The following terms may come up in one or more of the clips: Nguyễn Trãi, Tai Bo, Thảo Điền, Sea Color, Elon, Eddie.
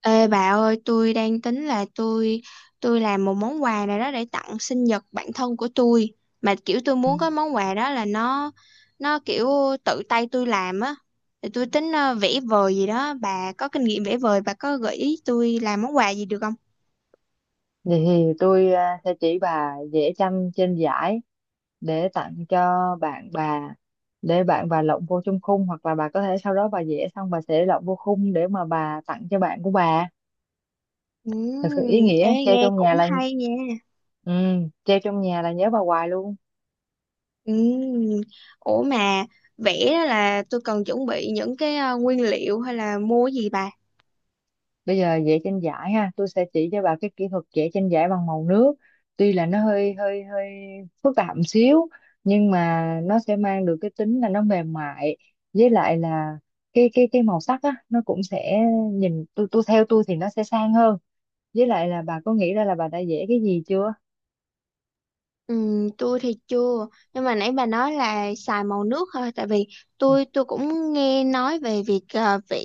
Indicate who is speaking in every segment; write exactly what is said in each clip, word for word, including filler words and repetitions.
Speaker 1: Ê bà ơi, tôi đang tính là tôi tôi làm một món quà nào đó để tặng sinh nhật bạn thân của tôi. Mà kiểu tôi
Speaker 2: Ừ.
Speaker 1: muốn cái món quà đó là nó nó kiểu tự tay tôi làm á. Thì tôi tính ờ, vẽ vời gì đó, bà có kinh nghiệm vẽ vời, bà có gợi ý tôi làm món quà gì được không?
Speaker 2: Vậy thì tôi à, sẽ chỉ bà vẽ tranh trên giải để tặng cho bạn bà, để bạn bà lộng vô trong khung, hoặc là bà có thể sau đó bà vẽ xong bà sẽ lộng vô khung để mà bà tặng cho bạn của bà. Thật sự ý
Speaker 1: Ừm, ê
Speaker 2: nghĩa, treo
Speaker 1: nghe
Speaker 2: trong
Speaker 1: cũng
Speaker 2: nhà là
Speaker 1: hay nha.
Speaker 2: ừ, treo trong nhà là nhớ bà hoài luôn.
Speaker 1: Ừm, ủa mà vẽ đó là tôi cần chuẩn bị những cái ờ, nguyên liệu hay là mua cái gì bà?
Speaker 2: Bây giờ vẽ tranh giải ha, tôi sẽ chỉ cho bà cái kỹ thuật vẽ tranh giải bằng màu nước. Tuy là nó hơi hơi hơi phức tạp một xíu, nhưng mà nó sẽ mang được cái tính là nó mềm mại, với lại là cái cái cái màu sắc á nó cũng sẽ nhìn, tôi tôi theo tôi thì nó sẽ sang hơn. Với lại là bà có nghĩ ra là bà đã vẽ cái gì chưa?
Speaker 1: Ừ, tôi thì chưa, nhưng mà nãy bà nói là xài màu nước thôi, tại vì tôi tôi cũng nghe nói về việc ờ, vẽ,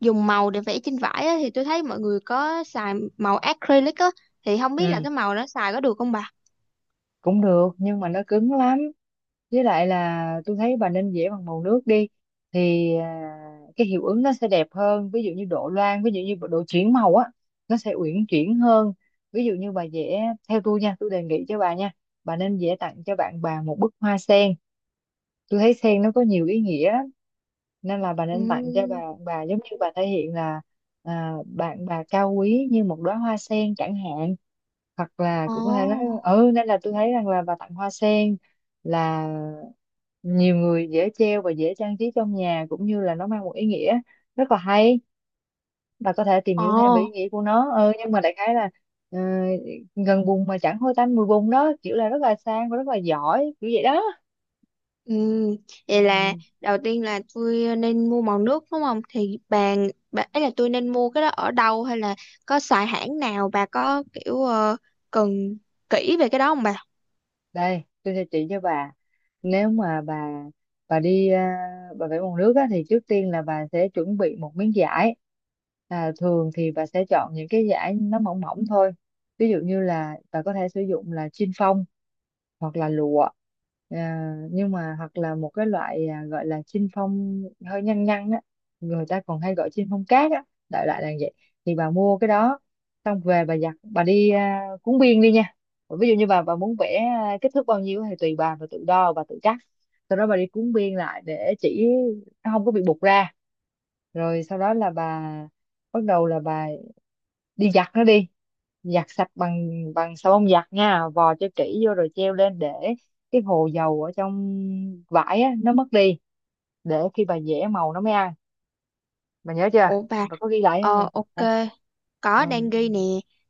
Speaker 1: dùng màu để vẽ trên vải á, thì tôi thấy mọi người có xài màu acrylic á, thì không biết là
Speaker 2: Ừ,
Speaker 1: cái màu đó xài có được không bà?
Speaker 2: cũng được nhưng mà nó cứng lắm, với lại là tôi thấy bà nên vẽ bằng màu nước đi. Thì à, cái hiệu ứng nó sẽ đẹp hơn, ví dụ như độ loang, ví dụ như độ chuyển màu á, nó sẽ uyển chuyển hơn. Ví dụ như bà vẽ theo tôi nha, tôi đề nghị cho bà nha, bà nên vẽ tặng cho bạn bà một bức hoa sen. Tôi thấy sen nó có nhiều ý nghĩa, nên là bà
Speaker 1: Ừ.
Speaker 2: nên tặng cho bà bà giống như bà thể hiện là à, bạn bà cao quý như một đóa hoa sen chẳng hạn. Hoặc là cũng có thể nói
Speaker 1: Ồ.
Speaker 2: ừ, nên là tôi thấy rằng là bà tặng hoa sen là nhiều người dễ treo và dễ trang trí trong nhà, cũng như là nó mang một ý nghĩa rất là hay. Bà có thể tìm hiểu thêm về
Speaker 1: Ồ.
Speaker 2: ý nghĩa của nó ừ, nhưng mà đại khái là ờ, gần bùn mà chẳng hôi tanh mùi bùn đó, kiểu là rất là sang và rất là giỏi kiểu vậy đó.
Speaker 1: Ừ. Vậy là
Speaker 2: Ừ,
Speaker 1: đầu tiên là tôi ờ, nên mua màu nước đúng không? Thì bà, bà ấy là tôi nên mua cái đó ở đâu, hay là có xài hãng nào bà có kiểu ờ, cần kỹ về cái đó không bà?
Speaker 2: đây tôi sẽ chỉ cho bà. Nếu mà bà bà đi à, bà vẽ bằng nước á, thì trước tiên là bà sẽ chuẩn bị một miếng vải. à, thường thì bà sẽ chọn những cái vải nó mỏng mỏng thôi. Ví dụ như là bà có thể sử dụng là chin phong hoặc là lụa, à, nhưng mà hoặc là một cái loại à, gọi là chinh phong hơi nhăn nhăn á, người ta còn hay gọi chinh phong cát á, đại loại là vậy. Thì bà mua cái đó, xong về bà giặt, bà đi à, cuốn biên đi nha. Ví dụ như bà bà muốn vẽ à, kích thước bao nhiêu thì tùy bà bà tự đo bà tự cắt, sau đó bà đi cuốn biên lại để chỉ nó không có bị bục ra. Rồi sau đó là bà bắt đầu là bà đi giặt nó đi, giặt sạch bằng bằng xà bông giặt nha, vò cho kỹ vô rồi treo lên để cái hồ dầu ở trong vải á nó mất đi, để khi bà giẻ màu nó mới ăn. Bà nhớ chưa?
Speaker 1: Ủa bà,
Speaker 2: Bà có ghi lại không nè?
Speaker 1: ờ ok,
Speaker 2: Hả? ừ,
Speaker 1: có đang ghi nè,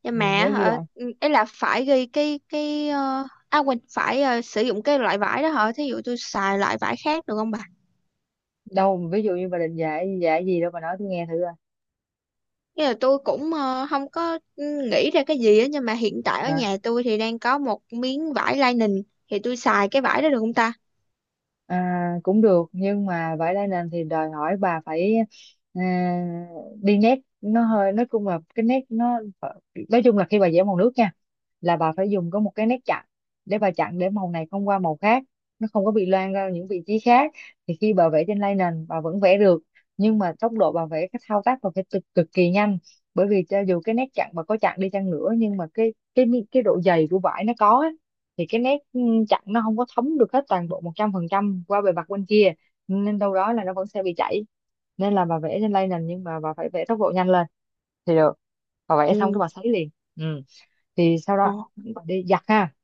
Speaker 1: nhưng
Speaker 2: ừ,
Speaker 1: mà
Speaker 2: nhớ ghi
Speaker 1: hả,
Speaker 2: lại.
Speaker 1: ừ, là phải ghi cái cái ờ, à quên, phải ờ, sử dụng cái loại vải đó hả? Thí dụ tôi xài loại vải khác được không bà?
Speaker 2: Đâu ví dụ như bà định dạy dạy gì đâu, bà nói tôi nghe thử coi.
Speaker 1: Như là tôi cũng ờ, không có ừ, nghĩ ra cái gì á, nhưng mà hiện tại ở
Speaker 2: Ờ.
Speaker 1: nhà tôi thì đang có một miếng vải lining, thì tôi xài cái vải đó được không ta?
Speaker 2: À, cũng được, nhưng mà vải đa nền thì đòi hỏi bà phải à, đi nét nó hơi, nói chung là cái nét nó, nói chung là khi bà vẽ màu nước nha là bà phải dùng có một cái nét chặn, để bà chặn để màu này không qua màu khác, nó không có bị loang ra những vị trí khác. Thì khi bà vẽ trên lay nền bà vẫn vẽ được, nhưng mà tốc độ bà vẽ, cái thao tác bà phải cực, cực kỳ nhanh. Bởi vì cho dù cái nét chặn bà có chặn đi chăng nữa, nhưng mà cái cái cái độ dày của vải nó có á, thì cái nét ừ, chặn nó không có thấm được hết toàn bộ một trăm phần trăm qua bề mặt bên kia, nên đâu đó là nó vẫn sẽ bị chảy. Nên là bà vẽ trên lay nền nhưng mà bà phải vẽ tốc độ nhanh lên thì được. Bà vẽ xong cái
Speaker 1: Ừ,
Speaker 2: bà sấy liền. Ừ, thì sau đó
Speaker 1: ồ,
Speaker 2: bà đi giặt ha,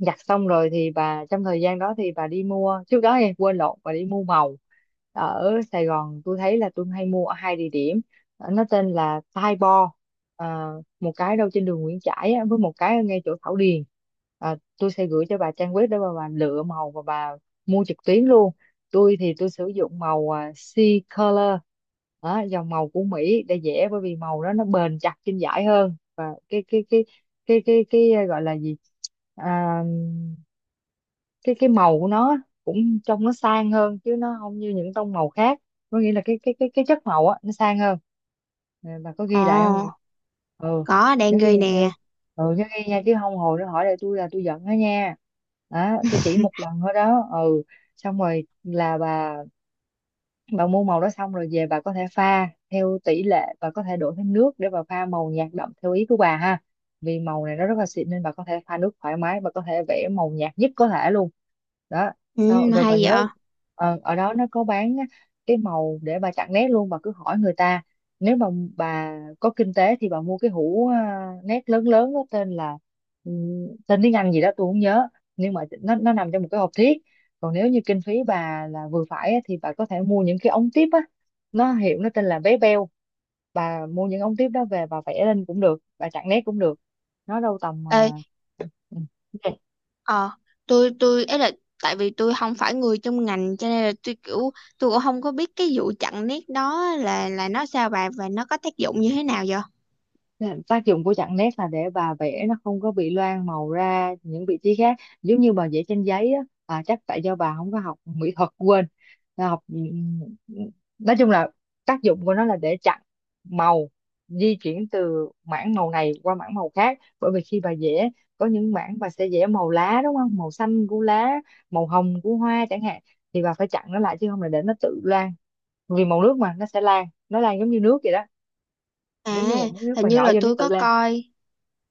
Speaker 2: giặt xong rồi thì bà, trong thời gian đó thì bà đi mua, trước đó em quên lộn, bà đi mua màu. Ở Sài Gòn tôi thấy là tôi hay mua ở hai địa điểm. Ờ, nó tên là Tai Bo, à, một cái đâu trên đường Nguyễn Trãi á, với một cái ở ngay chỗ Thảo Điền. à, tôi sẽ gửi cho bà trang web để bà, bà lựa màu và bà mua trực tuyến luôn. Tôi thì tôi sử dụng màu à, Sea Color đó, dòng màu của Mỹ, để dễ bởi vì màu đó nó bền chặt trên vải hơn, và cái cái cái cái cái, cái gọi là gì, à, cái cái màu của nó cũng trông nó sang hơn chứ nó không như những tông màu khác. Có nghĩa là cái cái cái cái chất màu á nó sang hơn. Ờ, bà có ghi lại không vậy?
Speaker 1: ồ,
Speaker 2: Ừ,
Speaker 1: có đang
Speaker 2: nhớ ghi
Speaker 1: ghi
Speaker 2: nhớ,
Speaker 1: nè.
Speaker 2: ừ, nhớ ghi nha chứ không hồi nó hỏi lại tôi là tôi giận đó nha. Đó, tôi chỉ một lần thôi đó. Ừ, xong rồi là bà bà mua màu đó xong rồi về bà có thể pha theo tỷ lệ, bà có thể đổ thêm nước để bà pha màu nhạt đậm theo ý của bà ha. Vì màu này nó rất là xịn nên bà có thể pha nước thoải mái, bà có thể vẽ màu nhạt nhất có thể luôn. Đó, sau
Speaker 1: Ừ,
Speaker 2: rồi bà
Speaker 1: hay
Speaker 2: nhớ
Speaker 1: vậy.
Speaker 2: ờ, ở đó nó có bán á cái màu để bà chặn nét luôn, bà cứ hỏi người ta. Nếu mà bà có kinh tế thì bà mua cái hũ à, nét lớn lớn đó, tên là ừm, tên tiếng Anh gì đó tôi không nhớ, nhưng mà nó nó nằm trong một cái hộp thiếc. Còn nếu như kinh phí bà là vừa phải á, thì bà có thể mua những cái ống tiếp á, nó hiệu nó tên là vé beo. Bà mua những ống tiếp đó về bà vẽ lên cũng được, bà chặn nét cũng được. Nó đâu tầm à,
Speaker 1: Ê,
Speaker 2: ừ, ok.
Speaker 1: ờ, tôi tôi ấy là tại vì tôi không phải người trong ngành, cho nên là tôi kiểu tôi cũng không có biết cái vụ chặn nét đó là là nó sao bà, và nó có tác dụng như thế nào vậy?
Speaker 2: Dạ, tác dụng của chặn nét là để bà vẽ nó không có bị loang màu ra những vị trí khác, giống như bà vẽ trên giấy á. À, chắc tại do bà không có học mỹ thuật quên. Là học ừ, nói chung là tác dụng của nó là để chặn màu di chuyển từ mảng màu này qua mảng màu khác. Bởi vì khi bà vẽ có những mảng bà sẽ vẽ màu lá, đúng không, màu xanh của lá, màu hồng của hoa chẳng hạn, thì bà phải chặn nó lại chứ không là để nó tự loang. Vì màu nước mà, nó sẽ lan, nó lan giống như nước vậy đó, giống như
Speaker 1: À,
Speaker 2: một miếng nước
Speaker 1: hình
Speaker 2: mà
Speaker 1: như
Speaker 2: nhỏ
Speaker 1: là
Speaker 2: vô nó
Speaker 1: tôi
Speaker 2: tự
Speaker 1: có
Speaker 2: lan.
Speaker 1: coi,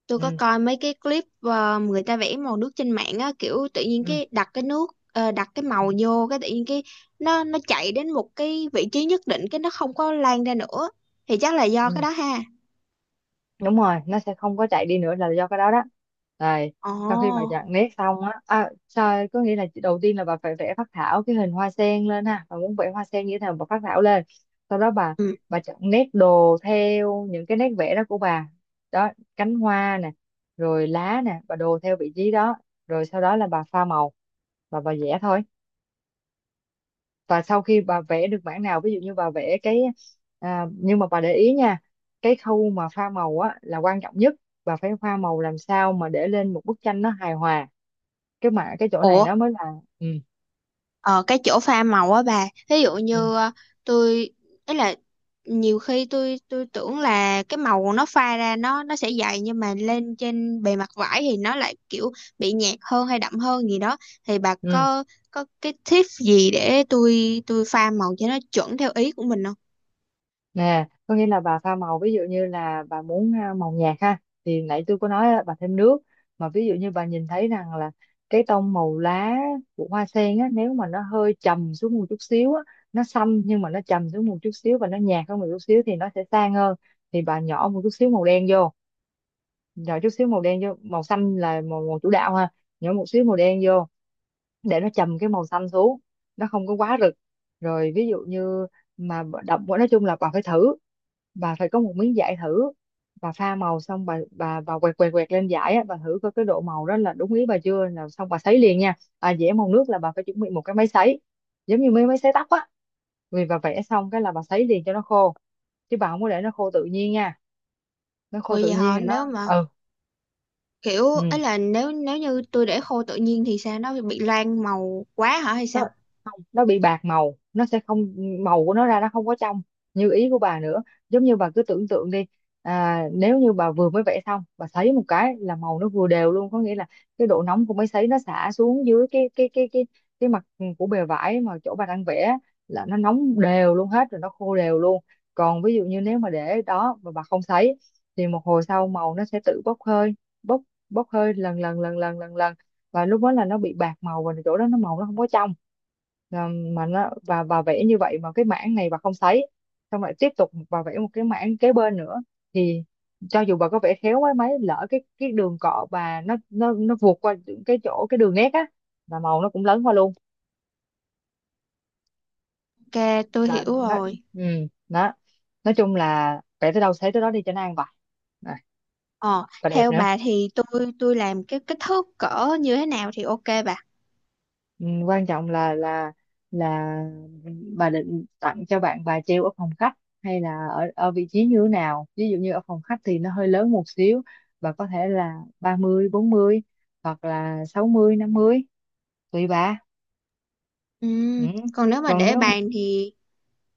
Speaker 1: tôi có
Speaker 2: ừ,
Speaker 1: coi mấy cái clip ờ, người ta vẽ màu nước trên mạng á, kiểu tự nhiên
Speaker 2: ừ,
Speaker 1: cái đặt cái nước, ờ, đặt cái
Speaker 2: ừ,
Speaker 1: màu vô, cái tự nhiên cái nó nó chạy đến một cái vị trí nhất định, cái nó không có lan ra nữa, thì chắc là do cái
Speaker 2: ừ,
Speaker 1: đó ha.
Speaker 2: đúng rồi, nó sẽ không có chạy đi nữa là do cái đó đó. Rồi
Speaker 1: Ồ.
Speaker 2: sau khi bà chặn nét xong á, à, sao có nghĩa là đầu tiên là bà phải vẽ phác thảo cái hình hoa sen lên ha, bà muốn vẽ hoa sen như thế nào bà phác thảo lên, sau đó bà
Speaker 1: Ừ.
Speaker 2: bà chọn nét đồ theo những cái nét vẽ đó của bà. Đó, cánh hoa nè, rồi lá nè, bà đồ theo vị trí đó. Rồi sau đó là bà pha màu và bà vẽ thôi. Và sau khi bà vẽ được bản nào, ví dụ như bà vẽ cái, à, nhưng mà bà để ý nha, cái khâu mà pha màu á là quan trọng nhất. Bà phải pha màu làm sao mà để lên một bức tranh nó hài hòa, cái mà cái chỗ này
Speaker 1: Ủa
Speaker 2: nó mới là ừ
Speaker 1: ờ, cái chỗ pha màu á bà, ví dụ
Speaker 2: ừ
Speaker 1: như ờ, tôi ấy là nhiều khi tôi tôi tưởng là cái màu nó pha ra nó nó sẽ dày, nhưng mà lên trên bề mặt vải thì nó lại kiểu bị nhạt hơn hay đậm hơn gì đó, thì bà
Speaker 2: ừ
Speaker 1: có có cái tip gì để tôi tôi pha màu cho nó chuẩn theo ý của mình không?
Speaker 2: nè có nghĩa là bà pha màu ví dụ như là bà muốn à, màu nhạt ha, thì nãy tôi có nói á, bà thêm nước. Mà ví dụ như bà nhìn thấy rằng là cái tông màu lá của hoa sen á, nếu mà nó hơi trầm xuống một chút xíu á, nó xanh nhưng mà nó trầm xuống một chút xíu và nó nhạt hơn một chút xíu thì nó sẽ sang hơn, thì bà nhỏ một chút xíu màu đen vô. Nhỏ chút xíu màu đen vô, màu xanh là màu, màu chủ đạo ha, nhỏ một xíu màu đen vô để nó trầm cái màu xanh xuống, nó không có quá rực. Rồi ví dụ như mà bà đậm quá, nói chung là bà phải thử, bà phải có một miếng vải thử. Bà pha màu xong bà bà bà quẹt quẹt quẹt lên vải á, Bà thử coi cái độ màu đó là đúng ý bà chưa, là xong bà sấy liền nha. À, vẽ màu nước là bà phải chuẩn bị một cái máy sấy, giống như mấy máy sấy tóc á. Vì bà vẽ xong cái là bà sấy liền cho nó khô, chứ bà không có để nó khô tự nhiên nha. Nó khô
Speaker 1: Bởi
Speaker 2: tự
Speaker 1: vì
Speaker 2: nhiên
Speaker 1: họ,
Speaker 2: là nó...
Speaker 1: nếu mà
Speaker 2: Ừ.
Speaker 1: kiểu ấy
Speaker 2: Ừ.
Speaker 1: là nếu nếu như tôi để khô tự nhiên thì sao, nó bị loang màu quá hả hay
Speaker 2: Nó
Speaker 1: sao?
Speaker 2: không, nó bị bạc màu, nó sẽ không màu của nó ra, nó không có trong như ý của bà nữa. Giống như bà cứ tưởng tượng đi. À, nếu như bà vừa mới vẽ xong bà sấy một cái là màu nó vừa đều luôn, có nghĩa là cái độ nóng của máy sấy nó xả xuống dưới cái cái cái cái cái mặt của bề vải mà chỗ bà đang vẽ là nó nóng đều luôn hết rồi nó khô đều luôn. Còn ví dụ như nếu mà để đó mà bà không sấy thì một hồi sau màu nó sẽ tự bốc hơi, bốc bốc hơi lần lần lần lần lần lần, và lúc đó là nó bị bạc màu và chỗ đó nó màu nó không có trong, là mà nó và bà vẽ như vậy mà cái mảng này bà không thấy, xong lại tiếp tục bà vẽ một cái mảng kế bên nữa. Thì cho dù bà có vẽ khéo quá mấy lỡ cái cái đường cọ bà nó nó nó vượt qua cái chỗ cái đường nét á, là màu nó cũng lấn qua luôn.
Speaker 1: Ok, tôi hiểu
Speaker 2: Là nó...
Speaker 1: rồi.
Speaker 2: Ừ, đó. Nói chung là vẽ tới đâu thấy tới đó đi cho nó an bài. À,
Speaker 1: Ờ,
Speaker 2: và đẹp
Speaker 1: theo
Speaker 2: nữa.
Speaker 1: bà thì tôi tôi làm cái kích thước cỡ như thế nào thì ok bà.
Speaker 2: Ừ, quan trọng là là là bà định tặng cho bạn bà treo ở phòng khách hay là ở ở vị trí như thế nào, ví dụ như ở phòng khách thì nó hơi lớn một xíu, bà có thể là ba mươi bốn mươi, hoặc là sáu mươi năm mươi, tùy bà.
Speaker 1: Ừ,
Speaker 2: Ừ.
Speaker 1: còn nếu mà
Speaker 2: Còn
Speaker 1: để
Speaker 2: nếu mà
Speaker 1: bàn thì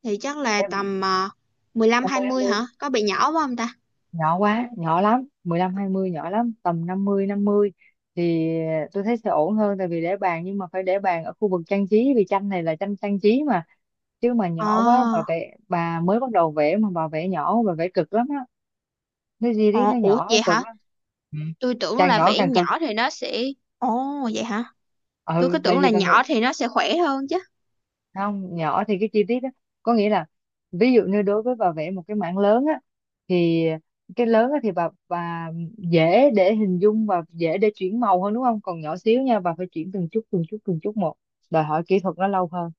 Speaker 1: thì chắc là
Speaker 2: em
Speaker 1: tầm uh, mười lăm
Speaker 2: năm mươi năm
Speaker 1: hai mươi
Speaker 2: mươi
Speaker 1: hả? Có bị nhỏ quá không ta?
Speaker 2: Nhỏ quá, nhỏ lắm mười lăm hai mươi nhỏ lắm, tầm năm mươi năm mươi thì tôi thấy sẽ ổn hơn, tại vì để bàn nhưng mà phải để bàn ở khu vực trang trí vì tranh này là tranh trang trí. Chứ mà
Speaker 1: Ờ,
Speaker 2: nhỏ quá, bà vẽ bà mới bắt đầu vẽ mà bà vẽ nhỏ bà vẽ cực lắm á, cái gì đấy
Speaker 1: ờ,
Speaker 2: nó
Speaker 1: ủa
Speaker 2: nhỏ nó
Speaker 1: vậy
Speaker 2: cực
Speaker 1: hả?
Speaker 2: lắm. Ừ.
Speaker 1: Tôi tưởng
Speaker 2: Càng
Speaker 1: là
Speaker 2: nhỏ
Speaker 1: vẽ
Speaker 2: càng cực.
Speaker 1: nhỏ thì nó sẽ… Ồ vậy hả? Tôi
Speaker 2: Ừ,
Speaker 1: cứ
Speaker 2: tại
Speaker 1: tưởng
Speaker 2: vì
Speaker 1: là
Speaker 2: bà nghĩ
Speaker 1: nhỏ thì nó sẽ khỏe hơn chứ.
Speaker 2: không nhỏ thì cái chi tiết đó có nghĩa là, ví dụ như đối với bà vẽ một cái mảng lớn á, thì cái lớn á thì bà bà dễ để hình dung và dễ để chuyển màu hơn đúng không, còn nhỏ xíu nha bà phải chuyển từng chút từng chút từng chút một, đòi hỏi kỹ thuật nó lâu hơn,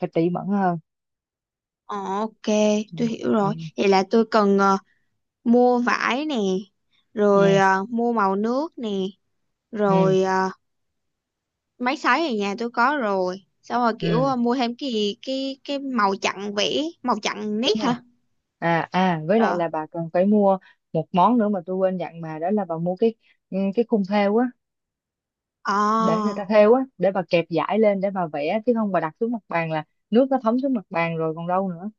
Speaker 2: phải tỉ mẩn hơn.
Speaker 1: Ờ, ok,
Speaker 2: Ừ.
Speaker 1: tôi hiểu
Speaker 2: Ừ.
Speaker 1: rồi. Vậy là tôi cần ờ, mua vải nè,
Speaker 2: Ừ,
Speaker 1: rồi ờ, mua màu nước nè,
Speaker 2: ừ.
Speaker 1: rồi máy sấy ở nhà tôi có rồi, xong rồi kiểu
Speaker 2: Ừ.
Speaker 1: ờ, mua thêm cái gì, cái cái màu chặn, vẽ màu chặn nét
Speaker 2: Đúng rồi.
Speaker 1: hả?
Speaker 2: À à với lại
Speaker 1: Rồi.
Speaker 2: là bà còn phải mua một món nữa mà tôi quên dặn bà, đó là bà mua cái... Ừ, cái khung thêu á, để người
Speaker 1: Ờ.
Speaker 2: ta thêu á, để bà kẹp dải lên để bà vẽ, chứ không bà đặt xuống mặt bàn là nước nó thấm xuống mặt bàn rồi còn đâu nữa.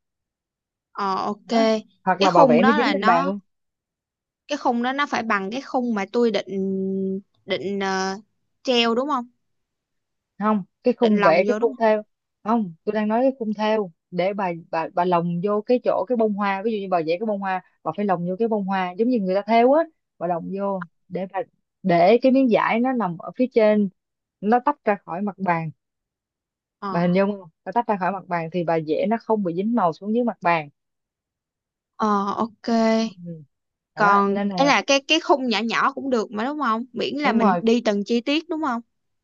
Speaker 1: Ờ, ok.
Speaker 2: Đó. Hoặc
Speaker 1: Cái
Speaker 2: là bà
Speaker 1: khung
Speaker 2: vẽ nó
Speaker 1: đó
Speaker 2: dính
Speaker 1: là
Speaker 2: lên bàn
Speaker 1: nó,
Speaker 2: luôn.
Speaker 1: cái khung đó nó phải bằng cái khung mà tôi định định ờ, treo đúng không,
Speaker 2: Không, cái
Speaker 1: định
Speaker 2: khung
Speaker 1: lồng
Speaker 2: vẽ, cái
Speaker 1: vô đúng
Speaker 2: khung
Speaker 1: không?
Speaker 2: thêu. Không, tôi đang nói cái khung thêu để bà bà bà lồng vô cái chỗ cái bông hoa, ví dụ như bà vẽ cái bông hoa bà phải lồng vô cái bông hoa giống như người ta thêu á, bà lồng vô để bà để cái miếng vải nó nằm ở phía trên, nó tách ra khỏi mặt bàn.
Speaker 1: Ờ.
Speaker 2: Bà hình dung không, bà tách ra khỏi mặt bàn thì bà vẽ nó không bị dính màu xuống dưới mặt bàn.
Speaker 1: Ờ, ok.
Speaker 2: Ừ. Ừ. Đó
Speaker 1: Còn
Speaker 2: nên
Speaker 1: ấy
Speaker 2: là...
Speaker 1: là cái cái khung nhỏ nhỏ cũng được mà đúng không, miễn là
Speaker 2: Đúng
Speaker 1: mình
Speaker 2: rồi.
Speaker 1: đi từng chi tiết đúng không?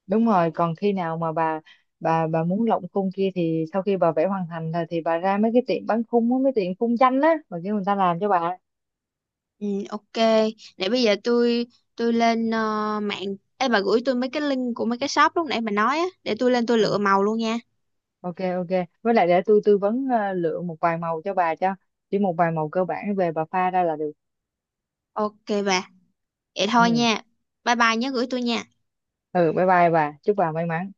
Speaker 2: Đúng rồi, còn khi nào mà bà bà bà muốn lộng khung kia thì sau khi bà vẽ hoàn thành rồi thì bà ra mấy cái tiệm bán khung á, mấy tiệm khung tranh á và kêu người ta làm cho bà.
Speaker 1: Ừ, ok. Để bây giờ tôi tôi lên ờ, mạng. Ê bà gửi tôi mấy cái link của mấy cái shop lúc nãy bà nói á, để tôi lên tôi
Speaker 2: Ừ.
Speaker 1: lựa màu luôn nha.
Speaker 2: Ok ok. Với lại để tôi tư vấn ờ, lựa một vài màu cho bà, cho chỉ một vài màu cơ bản về bà pha ra là được.
Speaker 1: Ok bà. Vậy thôi
Speaker 2: Ừ.
Speaker 1: nha. Bye bye, nhớ gửi tôi nha.
Speaker 2: Ừ, bye bye bà, chúc bà may mắn.